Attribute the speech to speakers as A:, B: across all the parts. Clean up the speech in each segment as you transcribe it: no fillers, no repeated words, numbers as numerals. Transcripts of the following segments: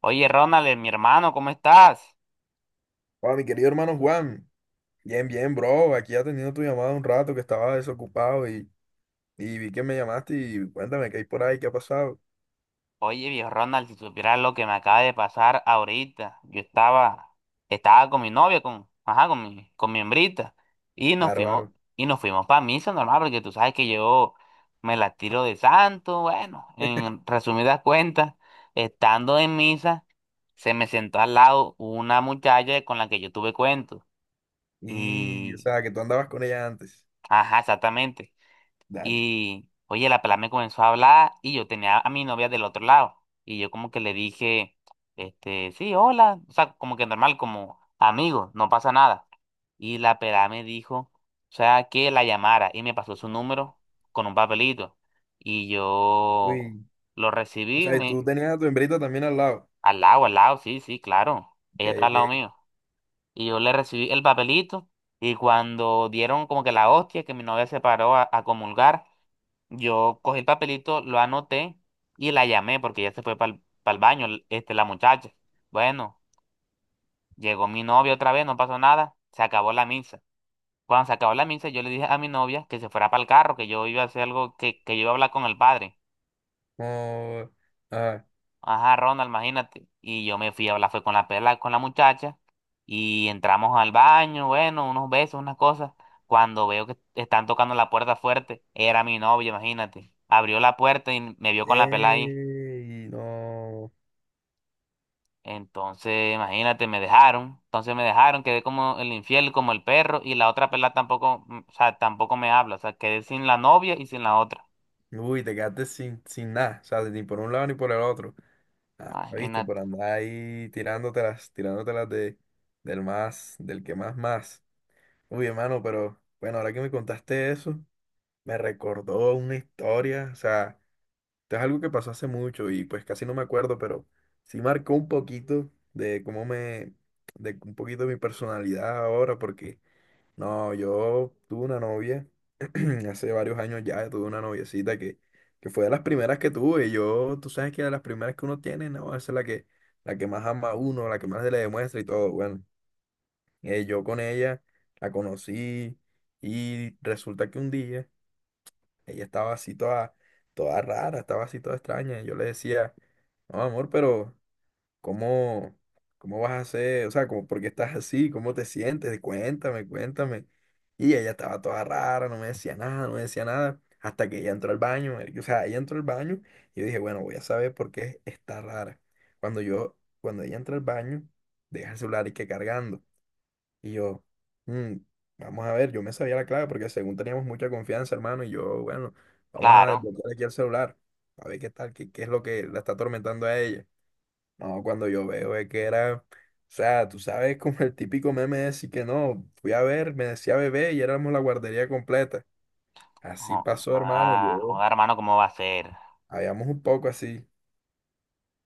A: Oye, Ronald, mi hermano, ¿cómo estás?
B: Hola, mi querido hermano Juan. Bien, bien, bro. Aquí atendiendo tu llamada un rato que estaba desocupado y vi que me llamaste y cuéntame qué hay por ahí, qué ha pasado.
A: Oye, viejo Ronald, si supieras lo que me acaba de pasar ahorita. Estaba con mi novia, con, ajá, con mi hembrita, y nos fuimos,
B: Bárbaro.
A: y nos fuimos para misa normal, porque tú sabes que yo me la tiro de santo, bueno, en resumidas cuentas, estando en misa, se me sentó al lado una muchacha con la que yo tuve cuento.
B: Y, o
A: Y,
B: sea, que tú andabas con ella antes.
A: ajá, exactamente.
B: Dale.
A: Y, oye, la pelada me comenzó a hablar y yo tenía a mi novia del otro lado. Y yo como que le dije, este, sí, hola. O sea, como que normal, como amigo, no pasa nada. Y la pelada me dijo, o sea, que la llamara y me pasó su número con un papelito. Y yo
B: Uy.
A: lo
B: O
A: recibí,
B: sea, y tú
A: me,
B: tenías a tu hembrita también al lado.
A: al lado, sí, sí, claro.
B: Ok,
A: Ella está al lado
B: ok.
A: mío. Y yo le recibí el papelito y cuando dieron como que la hostia que mi novia se paró a comulgar. Yo cogí el papelito, lo anoté y la llamé porque ya se fue para el baño, este, la muchacha. Bueno, llegó mi novia otra vez, no pasó nada, se acabó la misa. Cuando se acabó la misa, yo le dije a mi novia que se fuera para el carro, que yo iba a hacer algo, que yo iba a hablar con el padre.
B: Oh, ah.
A: Ajá, Ronald, imagínate. Y yo me fui a hablar, fue con la pela, con la muchacha, y entramos al baño, bueno, unos besos, unas cosas. Cuando veo que están tocando la puerta fuerte, era mi novia, imagínate. Abrió la puerta y me vio con la pela ahí.
B: Ey, no.
A: Entonces, imagínate, me dejaron. Entonces me dejaron, quedé como el infiel, como el perro, y la otra pelada tampoco, o sea, tampoco me habla. O sea, quedé sin la novia y sin la otra.
B: Uy, te quedaste sin, sin nada. O sea, ni por un lado ni por el otro. Ah, viste,
A: Imagínate.
B: por andar ahí tirándotelas del más, del que más más. Uy, hermano, pero bueno, ahora que me contaste eso, me recordó una historia, o sea, esto es algo que pasó hace mucho y pues casi no me acuerdo, pero sí marcó un poquito de cómo me, de un poquito de mi personalidad ahora, porque no, yo tuve una novia, hace varios años ya tuve una noviecita que fue de las primeras que tuve, y yo, tú sabes que de las primeras que uno tiene, no, esa es la que más ama a uno, la que más se le demuestra y todo, bueno. Yo con ella la conocí y resulta que un día ella estaba así toda rara, estaba así toda extraña. Y yo le decía, no, amor, pero ¿cómo, cómo vas a hacer? O sea, ¿por qué estás así? ¿Cómo te sientes? Cuéntame, cuéntame. Y ella estaba toda rara, no me decía nada, no me decía nada. Hasta que ella entró al baño, marica. O sea, ella entró al baño y yo dije, bueno, voy a saber por qué está rara. Cuando ella entra al baño, deja el celular y que cargando. Y yo, "Mm, vamos a ver, yo me sabía la clave porque según teníamos mucha confianza, hermano, y yo, bueno, vamos a
A: Claro.
B: desbloquear aquí el celular, a ver qué tal, qué es lo que la está atormentando a ella. No, cuando yo veo es que era, o sea, tú sabes como el típico meme de decir que no, fui a ver, me decía bebé y éramos la guardería completa. Así pasó, hermano,
A: Joda, hermano, ¿cómo va a ser?
B: habíamos un poco así.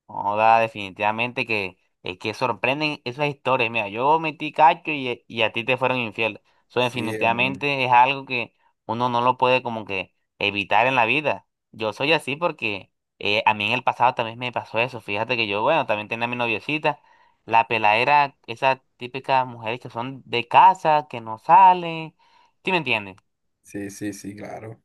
A: Joda, definitivamente que es que sorprenden esas historias. Mira, yo metí cacho y, a ti te fueron infiel. Eso
B: Sí, hermano.
A: definitivamente es algo que uno no lo puede como que evitar en la vida. Yo soy así porque a mí en el pasado también me pasó eso. Fíjate que yo, bueno, también tenía a mi noviecita, la peladera, esas típicas mujeres que son de casa, que no salen. ¿Sí me entiendes?
B: Sí, sí, sí, claro.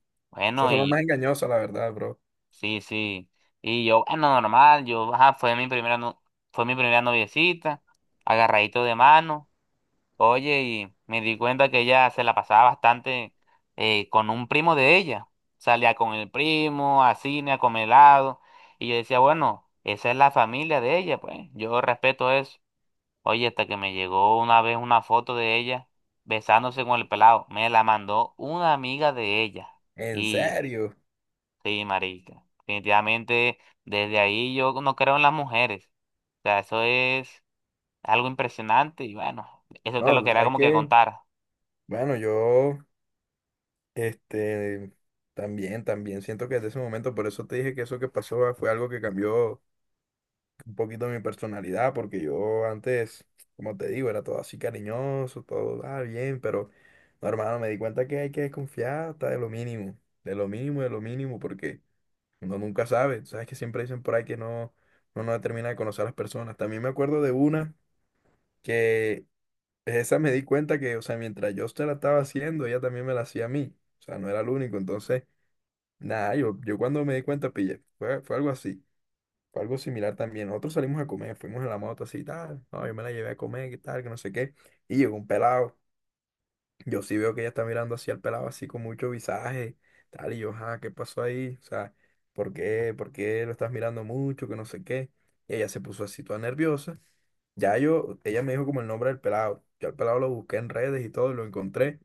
B: Esas
A: Bueno,
B: son las más
A: y
B: engañosas, la verdad, bro.
A: sí, sí. Y yo, bueno, normal, yo, ajá, fue mi primera, no- fue mi primera noviecita, agarradito de mano. Oye, y me di cuenta que ella se la pasaba bastante con un primo de ella. Salía con el primo, a cine, a comer helado. Y yo decía, bueno, esa es la familia de ella, pues, yo respeto eso. Oye, hasta que me llegó una vez una foto de ella besándose con el pelado. Me la mandó una amiga de ella.
B: En
A: Y
B: serio.
A: sí, marica. Definitivamente, desde ahí yo no creo en las mujeres. O sea, eso es algo impresionante y bueno, eso te
B: No,
A: lo
B: tú
A: quería
B: sabes
A: como que
B: que,
A: contar.
B: bueno, Este, también, también siento que desde ese momento, por eso te dije que eso que pasó fue algo que cambió un poquito mi personalidad, porque yo antes, como te digo, era todo así cariñoso, todo bien, pero no, hermano, me di cuenta que hay que desconfiar hasta de lo mínimo, de lo mínimo, de lo mínimo, porque uno nunca sabe, sabes que siempre dicen por ahí que no, uno no termina de conocer a las personas. También me acuerdo de una que esa me di cuenta que, o sea, mientras yo se la estaba haciendo, ella también me la hacía a mí, o sea, no era el único, entonces... Nah, yo cuando me di cuenta pillé. Fue algo así. Fue algo similar también. Nosotros salimos a comer, fuimos a la moto así y tal. No, yo me la llevé a comer, que tal, que no sé qué. Y llegó un pelado. Yo sí veo que ella está mirando así al pelado, así con mucho visaje, tal. Y yo, ¿qué pasó ahí? O sea, ¿por qué? ¿Por qué lo estás mirando mucho? Que no sé qué. Y ella se puso así toda nerviosa. Ella me dijo como el nombre del pelado. Yo al pelado lo busqué en redes y todo, lo encontré.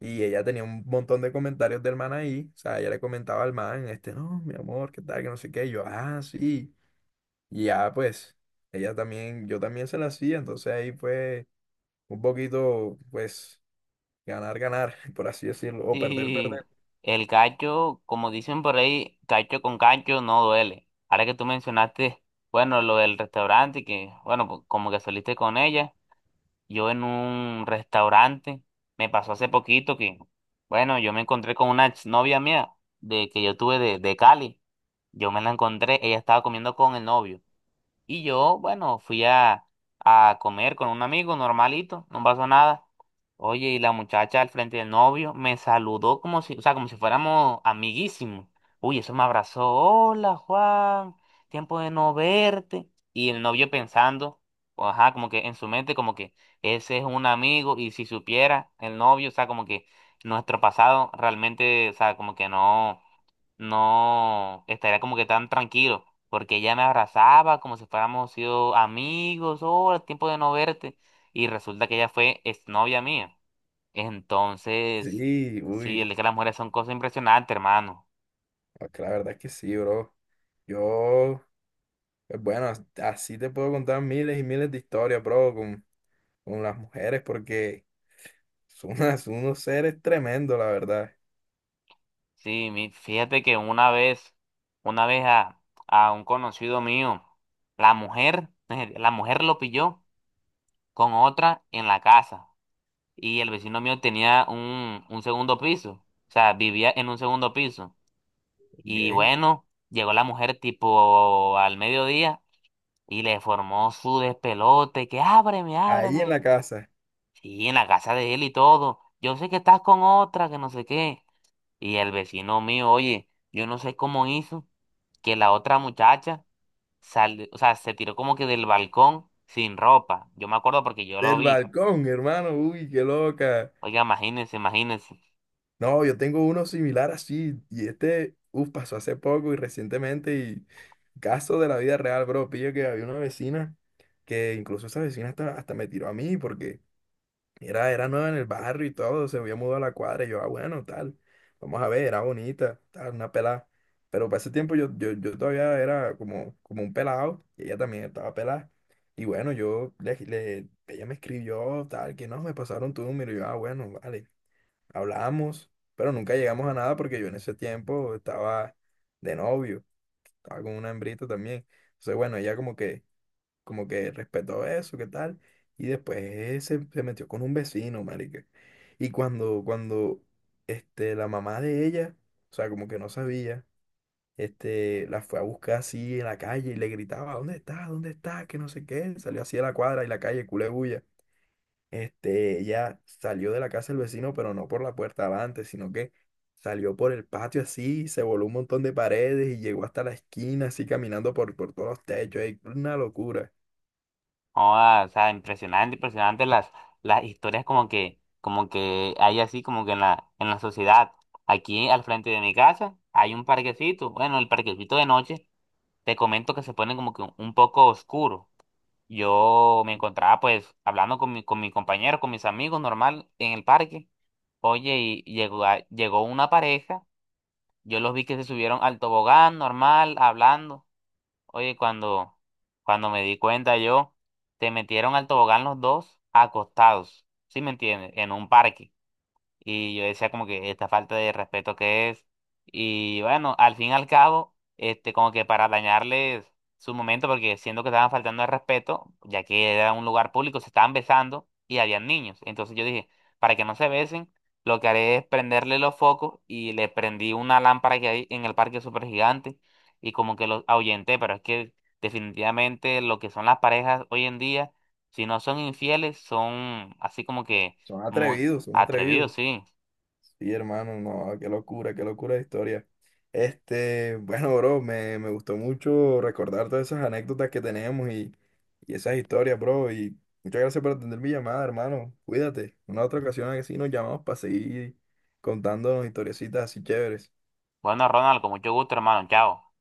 B: Y ella tenía un montón de comentarios del man ahí. O sea, ella le comentaba al man, no, mi amor, qué tal, que no sé qué. Y yo, sí. Y ya, pues, ella también, yo también se la hacía. Entonces ahí fue un poquito, pues, ganar, ganar, por así decirlo, o perder,
A: Sí,
B: perder.
A: el cacho, como dicen por ahí, cacho con cacho no duele. Ahora que tú mencionaste, bueno, lo del restaurante y que, bueno, pues, como que saliste con ella. Yo en un restaurante. Me pasó hace poquito que, bueno, yo me encontré con una novia mía de que yo tuve de Cali. Yo me la encontré, ella estaba comiendo con el novio. Y yo, bueno, a comer con un amigo normalito, no pasó nada. Oye, y la muchacha al frente del novio me saludó como si, o sea, como si fuéramos amiguísimos. Uy, eso me abrazó. Hola, Juan, tiempo de no verte. Y el novio pensando, o ajá, como que en su mente, como que ese es un amigo. Y si supiera el novio, o sea, como que nuestro pasado realmente, o sea, como que no no estaría como que tan tranquilo, porque ella me abrazaba como si fuéramos sido amigos, oh, tiempo de no verte, y resulta que ella fue exnovia mía. Entonces,
B: Sí,
A: sí,
B: uy,
A: el que las mujeres son cosas impresionantes, hermano.
B: es que la verdad es que sí, bro. Yo, pues, bueno, así te puedo contar miles y miles de historias, bro, con las mujeres, porque son unos seres tremendos, la verdad.
A: Sí, fíjate que una vez, una vez a, a un conocido mío, la mujer, la mujer lo pilló con otra en la casa, y el vecino mío tenía un segundo piso, o sea, vivía en un segundo piso. Y
B: ¿Ok?
A: bueno, llegó la mujer tipo al mediodía y le formó su despelote, que ábreme,
B: Ahí en
A: ábreme.
B: la casa.
A: Sí, en la casa de él y todo. Yo sé que estás con otra, que no sé qué. Y el vecino mío, oye, yo no sé cómo hizo que la otra muchacha salió, o sea, se tiró como que del balcón sin ropa. Yo me acuerdo porque yo lo
B: Del
A: vi.
B: balcón, hermano, uy, qué loca.
A: Oiga, imagínense, imagínense.
B: No, yo tengo uno similar así, y uff, pasó hace poco y recientemente, y caso de la vida real, bro, pillo que había una vecina que incluso esa vecina hasta me tiró a mí, porque era nueva en el barrio y todo, se había mudado a la cuadra. Y yo, bueno, tal. Vamos a ver, era bonita, tal, una pelada. Pero para ese tiempo yo todavía era como un pelado y ella también estaba pelada. Y bueno, ella me escribió, tal, que no, me pasaron tu número. Y yo, bueno, vale, hablamos. Pero nunca llegamos a nada porque yo en ese tiempo estaba de novio, estaba con una hembrita también. Entonces, bueno, ella como que respetó eso, qué tal. Y después se metió con un vecino, marica. Y cuando, la mamá de ella, o sea, como que no sabía, la fue a buscar así en la calle y le gritaba, ¿dónde está? ¿Dónde está? Que no sé qué. Salió así a la cuadra y la calle, culé bulla. Ella salió de la casa del vecino, pero no por la puerta adelante, sino que salió por el patio así, se voló un montón de paredes y llegó hasta la esquina así caminando por todos los techos. Ey, una locura.
A: Joda, o sea, impresionante, impresionante las historias como que hay así como que en la sociedad. Aquí al frente de mi casa hay un parquecito. Bueno, el parquecito de noche, te comento que se pone como que un poco oscuro. Yo me encontraba pues hablando con mi compañero, con mis amigos normal en el parque. Oye, llegó una pareja, yo los vi que se subieron al tobogán normal, hablando. Oye, cuando me di cuenta yo, te metieron al tobogán los dos acostados, ¿sí me entiendes? En un parque. Y yo decía como que esta falta de respeto que es. Y bueno, al fin y al cabo, este, como que para dañarles su momento, porque siento que estaban faltando el respeto, ya que era un lugar público, se estaban besando y habían niños. Entonces yo dije, para que no se besen, lo que haré es prenderle los focos y le prendí una lámpara que hay en el parque súper gigante y como que los ahuyenté, pero es que definitivamente lo que son las parejas hoy en día, si no son infieles, son así como que
B: Son
A: muy
B: atrevidos, son
A: atrevido,
B: atrevidos.
A: sí.
B: Sí, hermano, no, qué locura de historia. Bueno, bro, me gustó mucho recordar todas esas anécdotas que tenemos y esas historias, bro. Y muchas gracias por atender mi llamada, hermano. Cuídate. Una otra ocasión así nos llamamos para seguir contándonos historiecitas así chéveres.
A: Bueno, Ronald, con mucho gusto, hermano. Chao.